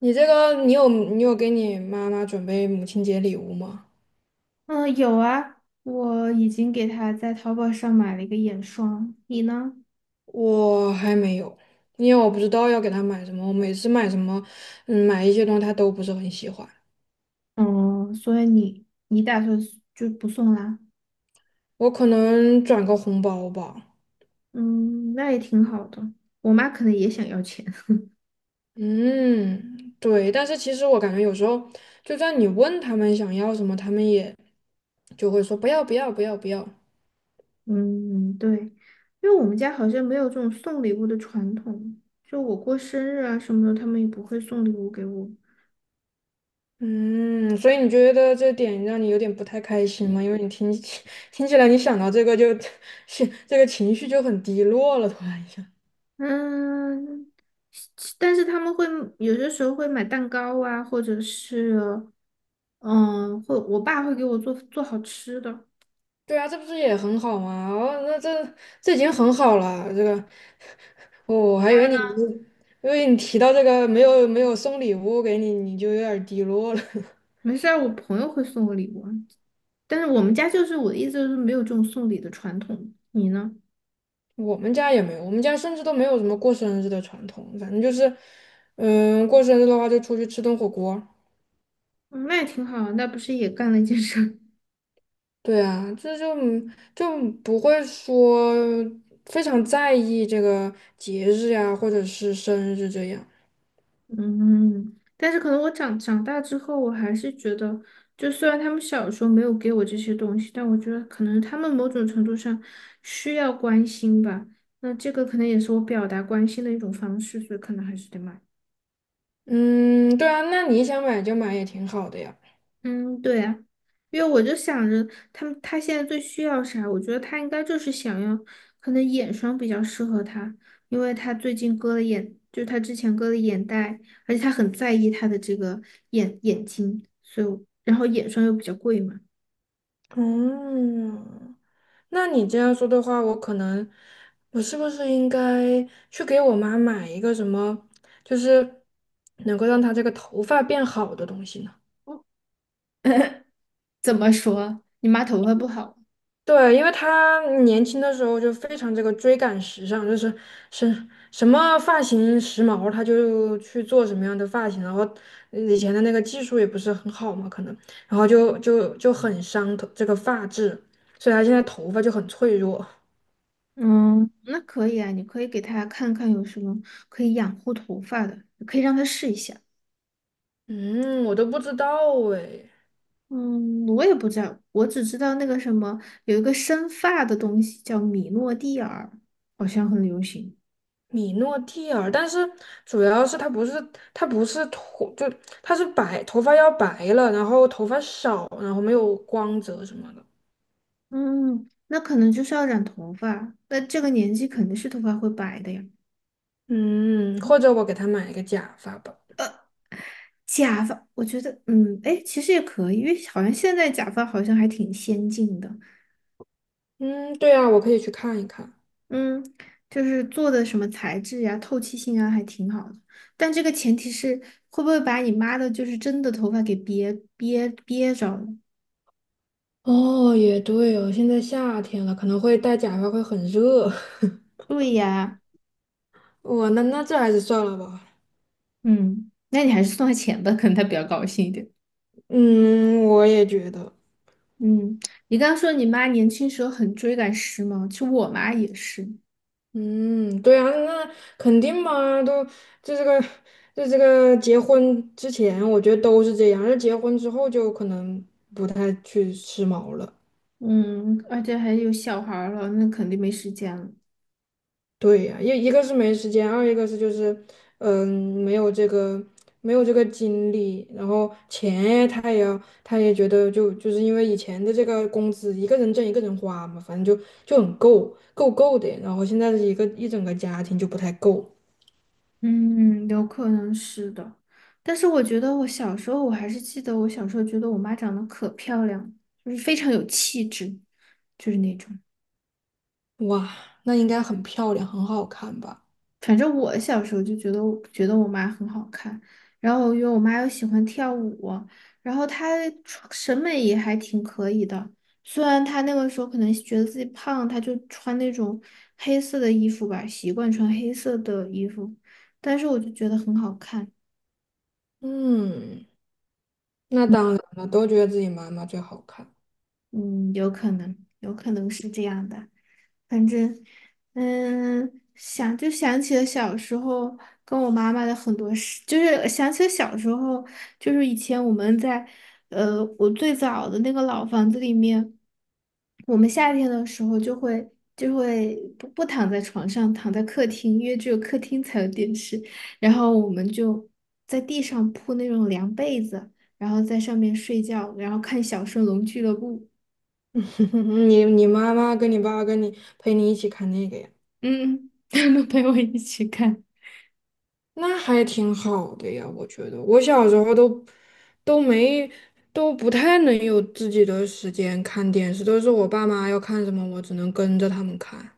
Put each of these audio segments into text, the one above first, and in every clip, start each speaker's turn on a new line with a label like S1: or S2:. S1: 你这个，你有给你妈妈准备母亲节礼物吗？
S2: 嗯，有啊，我已经给他在淘宝上买了一个眼霜，你呢？
S1: 我还没有，因为我不知道要给她买什么。我每次买什么，买一些东西她都不是很喜欢。
S2: 嗯，所以你打算就不送啦？
S1: 我可能转个红包吧。
S2: 嗯，那也挺好的。我妈可能也想要钱。
S1: 嗯，对。但是其实我感觉有时候，就算你问他们想要什么，他们也就会说不要不要不要不要。
S2: 嗯，对，因为我们家好像没有这种送礼物的传统，就我过生日啊什么的，他们也不会送礼物给我。
S1: 嗯，所以你觉得这点让你有点不太开心吗？因为你听起来，你想到这个就 是这个情绪就很低落了，突然一下。
S2: 嗯，其但是他们会有些时候会买蛋糕啊，或者是，嗯，会我爸会给我做好吃的。
S1: 对啊，这不是也很好吗？哦，那这已经很好了。这个，哦，我还以为你，因为你提到这个没有送礼物给你，你就有点儿低落了。
S2: 没事儿，我朋友会送我礼物啊，但是我们家就是我的意思就是没有这种送礼的传统。你呢？
S1: 我们家也没有，我们家甚至都没有什么过生日的传统，反正就是，过生日的话就出去吃顿火锅。
S2: 嗯，那也挺好啊，那不是也干了一件事儿？
S1: 对啊，这就不会说非常在意这个节日呀，或者是生日这样。
S2: 嗯，但是可能我长大之后，我还是觉得，就虽然他们小时候没有给我这些东西，但我觉得可能他们某种程度上需要关心吧。那这个可能也是我表达关心的一种方式，所以可能还是得买。
S1: 嗯，对啊，那你想买就买也挺好的呀。
S2: 嗯，对呀，因为我就想着他们，他现在最需要啥？我觉得他应该就是想要，可能眼霜比较适合他，因为他最近割了眼，就是他之前割了眼袋，而且他很在意他的这个眼睛，所以我然后眼霜又比较贵嘛。
S1: 嗯，那你这样说的话，我可能我是不是应该去给我妈买一个什么，就是能够让她这个头发变好的东西呢？
S2: 怎么说？你妈头发不好？
S1: 对，因为他年轻的时候就非常这个追赶时尚，就是什么发型时髦，他就去做什么样的发型，然后以前的那个技术也不是很好嘛，可能，然后就很伤头这个发质，所以他现在头发就很脆弱。
S2: 嗯，那可以啊，你可以给她看看有什么可以养护头发的，可以让她试一下。
S1: 嗯，我都不知道诶，
S2: 嗯，我也不知道，我只知道那个什么，有一个生发的东西叫米诺地尔，好像很流行。
S1: 米诺地尔，但是主要是它不是头，就它是白，头发要白了，然后头发少，然后没有光泽什么的。
S2: 嗯，那可能就是要染头发，那这个年纪肯定是头发会白的呀。
S1: 嗯，或者我给他买一个假发吧。
S2: 假发，我觉得，嗯，哎，其实也可以，因为好像现在假发好像还挺先进的，
S1: 嗯，对啊，我可以去看一看。
S2: 嗯，就是做的什么材质呀、透气性啊，还挺好的。但这个前提是会不会把你妈的，就是真的头发给憋着了？
S1: 哦，也对哦，现在夏天了，可能会戴假发会很热。
S2: 对呀。
S1: 我那这还是算了吧。
S2: 嗯，那你还是送他钱吧，可能他比较高兴一点。
S1: 嗯，我也觉得。
S2: 嗯，你刚刚说你妈年轻时候很追赶时髦，其实我妈也是。
S1: 嗯，对啊，那肯定嘛，都这这个这个结婚之前，我觉得都是这样，而结婚之后就可能不太去时髦了。
S2: 嗯，而且还有小孩儿了，那肯定没时间了。
S1: 对呀，一个是没时间，二一个是就是，嗯，没有这个精力，然后钱他也要，他也觉得就是因为以前的这个工资一个人挣一个人花嘛，反正就很够的，然后现在的一个一整个家庭就不太够，
S2: 嗯，有可能是的。但是我觉得我小时候，我还是记得我小时候觉得我妈长得可漂亮，就是非常有气质，就是那种。
S1: 哇，那应该很漂亮，很好看吧？
S2: 反正我小时候就觉得我觉得我妈很好看，然后因为我妈又喜欢跳舞，然后她穿审美也还挺可以的。虽然她那个时候可能觉得自己胖，她就穿那种黑色的衣服吧，习惯穿黑色的衣服，但是我就觉得很好看。
S1: 嗯，那当然了，都觉得自己妈妈最好看，
S2: 嗯，有可能，是这样的。反正，嗯，想就想起了小时候跟我妈妈的很多事，就是想起了小时候，就是以前我们在，我最早的那个老房子里面，我们夏天的时候就会不躺在床上，躺在客厅，因为只有客厅才有电视，然后我们就在地上铺那种凉被子，然后在上面睡觉，然后看《小神龙俱乐部》，
S1: 你妈妈跟你爸爸陪你一起看那个呀。
S2: 嗯，他们陪我一起看。
S1: 那还挺好的呀，我觉得我小时候都没都不太能有自己的时间看电视，都是我爸妈要看什么，我只能跟着他们看。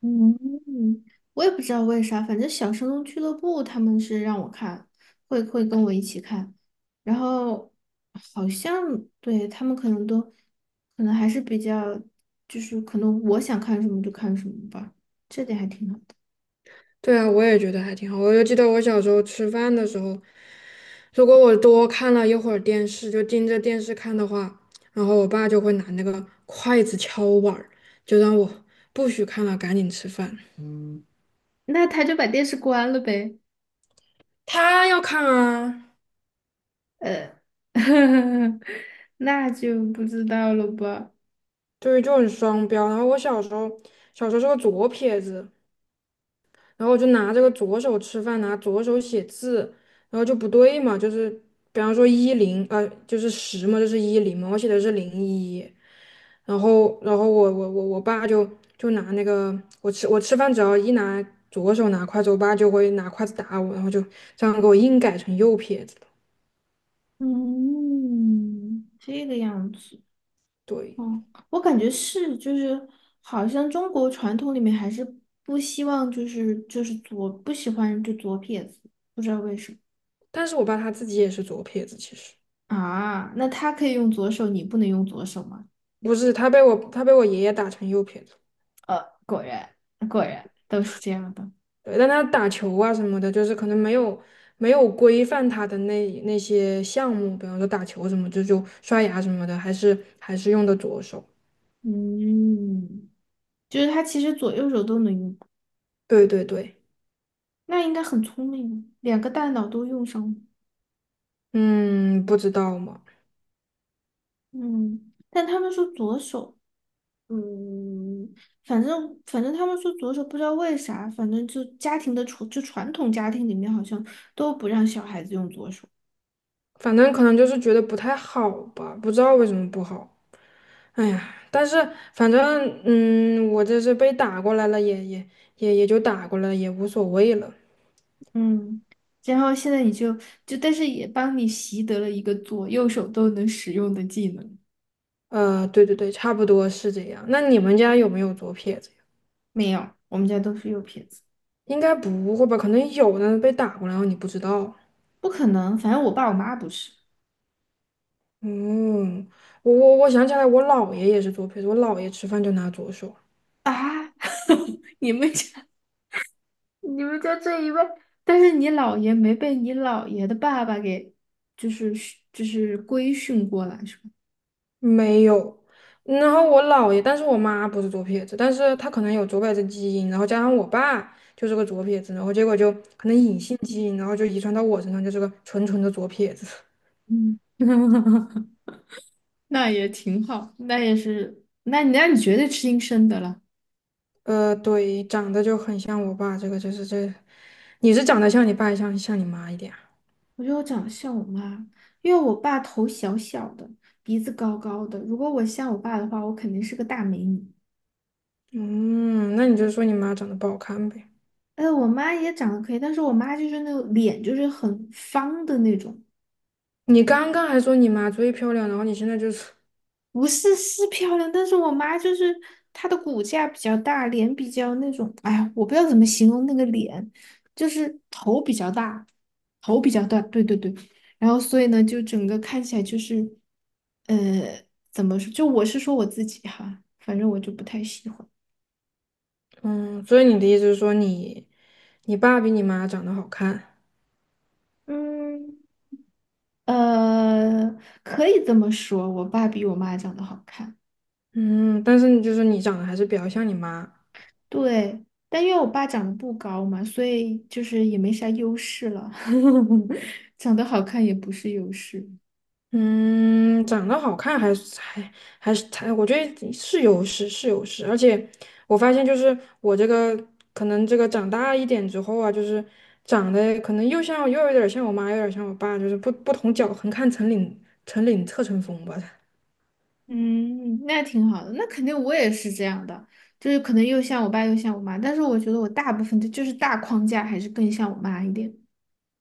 S2: 嗯，我也不知道为啥，反正小神龙俱乐部他们是让我看，会跟我一起看，然后好像对他们可能还是比较，就是可能我想看什么就看什么吧，这点还挺好的。
S1: 对啊，我也觉得还挺好。我就记得我小时候吃饭的时候，如果我多看了一会儿电视，就盯着电视看的话，然后我爸就会拿那个筷子敲碗儿，就让我不许看了，赶紧吃饭。
S2: 那他就把电视关了呗，
S1: 他要看啊，
S2: 呃，那就不知道了吧。
S1: 对，就很双标。然后我小时候是个左撇子。然后我就拿这个左手吃饭，拿左手写字，然后就不对嘛，就是比方说一零，就是十嘛，就是一零嘛，我写的是零一，然后我爸就拿那个我吃饭只要一拿左手拿筷子，我爸就会拿筷子打我，然后就这样给我硬改成右撇子了。
S2: 嗯，这个样子。
S1: 对，
S2: 哦，我感觉是，就是好像中国传统里面还是不希望，就是左不喜欢就左撇子不知道
S1: 但是我爸他自己也是左撇子，其实
S2: 啊。那他可以用左手，你不能用左手吗？
S1: 不是，他被我爷爷打成右撇子。
S2: 呃，果然果然都是这样的。
S1: 对，但他打球啊什么的，就是可能没有规范他的那些项目，比方说打球什么，就刷牙什么的，还是用的左手。
S2: 嗯，就是他其实左右手都能用，
S1: 对对对，
S2: 那应该很聪明，两个大脑都用上了。
S1: 嗯，不知道嘛，
S2: 嗯，但他们说左手。嗯，反正他们说左手不知道为啥，反正就家庭的传就传统家庭里面好像都不让小孩子用左手。
S1: 反正可能就是觉得不太好吧，不知道为什么不好。哎呀，但是反正嗯，我这是被打过来了，也就打过来了，也无所谓了。
S2: 嗯，然后现在你就就但是也帮你习得了一个左右手都能使用的技能。
S1: 对对对，差不多是这样。那你们家有没有左撇子？
S2: 没有，我们家都是右撇子，
S1: 应该不会吧？可能有呢，被打过，然后你不知道。
S2: 不可能，反正我爸我妈不是
S1: 嗯，我想起来，我姥爷也是左撇子，我姥爷吃饭就拿左手，
S2: 啊。你们家你们家这一位，但是你姥爷没被你姥爷的爸爸给就是就是规训过来是吧？
S1: 没有。然后我姥爷，但是我妈不是左撇子，但是她可能有左撇子基因，然后加上我爸就是个左撇子，然后结果就可能隐性基因，然后就遗传到我身上，就是个纯纯的左撇子。
S2: 嗯，那也挺好，那也是，那你绝对吃亲生的了。
S1: 对，长得就很像我爸，这个就是这，你是长得像你爸，像你妈一点啊。
S2: 我觉得我长得像我妈，因为我爸头小小的，鼻子高高的。如果我像我爸的话，我肯定是个大美女。
S1: 嗯，那你就说你妈长得不好看呗。
S2: 哎，我妈也长得可以，但是我妈就是那个脸就是很方的那种，
S1: 你刚刚还说你妈最漂亮，然后你现在就是，
S2: 不是是漂亮，但是我妈就是她的骨架比较大，脸比较那种，哎呀，我不知道怎么形容那个脸，就是头比较大，头比较大，对对对，然后所以呢，就整个看起来就是，呃，怎么说？就我是说我自己哈，反正我就不太喜欢。
S1: 嗯，所以你的意思是说你爸比你妈长得好看，
S2: 嗯，呃，可以这么说，我爸比我妈长得好看。
S1: 嗯，但是你就是你长得还是比较像你妈，
S2: 对，但因为我爸长得不高嘛，所以就是也没啥优势了。长得好看也不是优势。
S1: 嗯，长得好看还是，我觉得是有势是有势，而且我发现就是我这个可能这个长大一点之后啊，就是长得可能又像又有点儿像我妈，又有点儿像我爸，就是不同角横看成岭侧成峰吧。
S2: 嗯，那挺好的。那肯定我也是这样的，就是可能又像我爸又像我妈，但是我觉得我大部分的就是大框架还是更像我妈一点。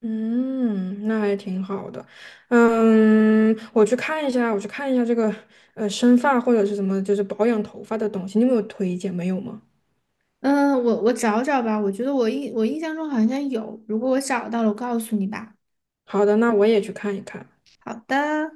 S1: 嗯，那还挺好的。嗯，我去看一下，这个生发或者是什么，就是保养头发的东西，你有没有推荐？没有吗？
S2: 嗯，我找找吧，我觉得我印象中好像有，如果我找到了，我告诉你吧。
S1: 好的，那我也去看一看。
S2: 好的。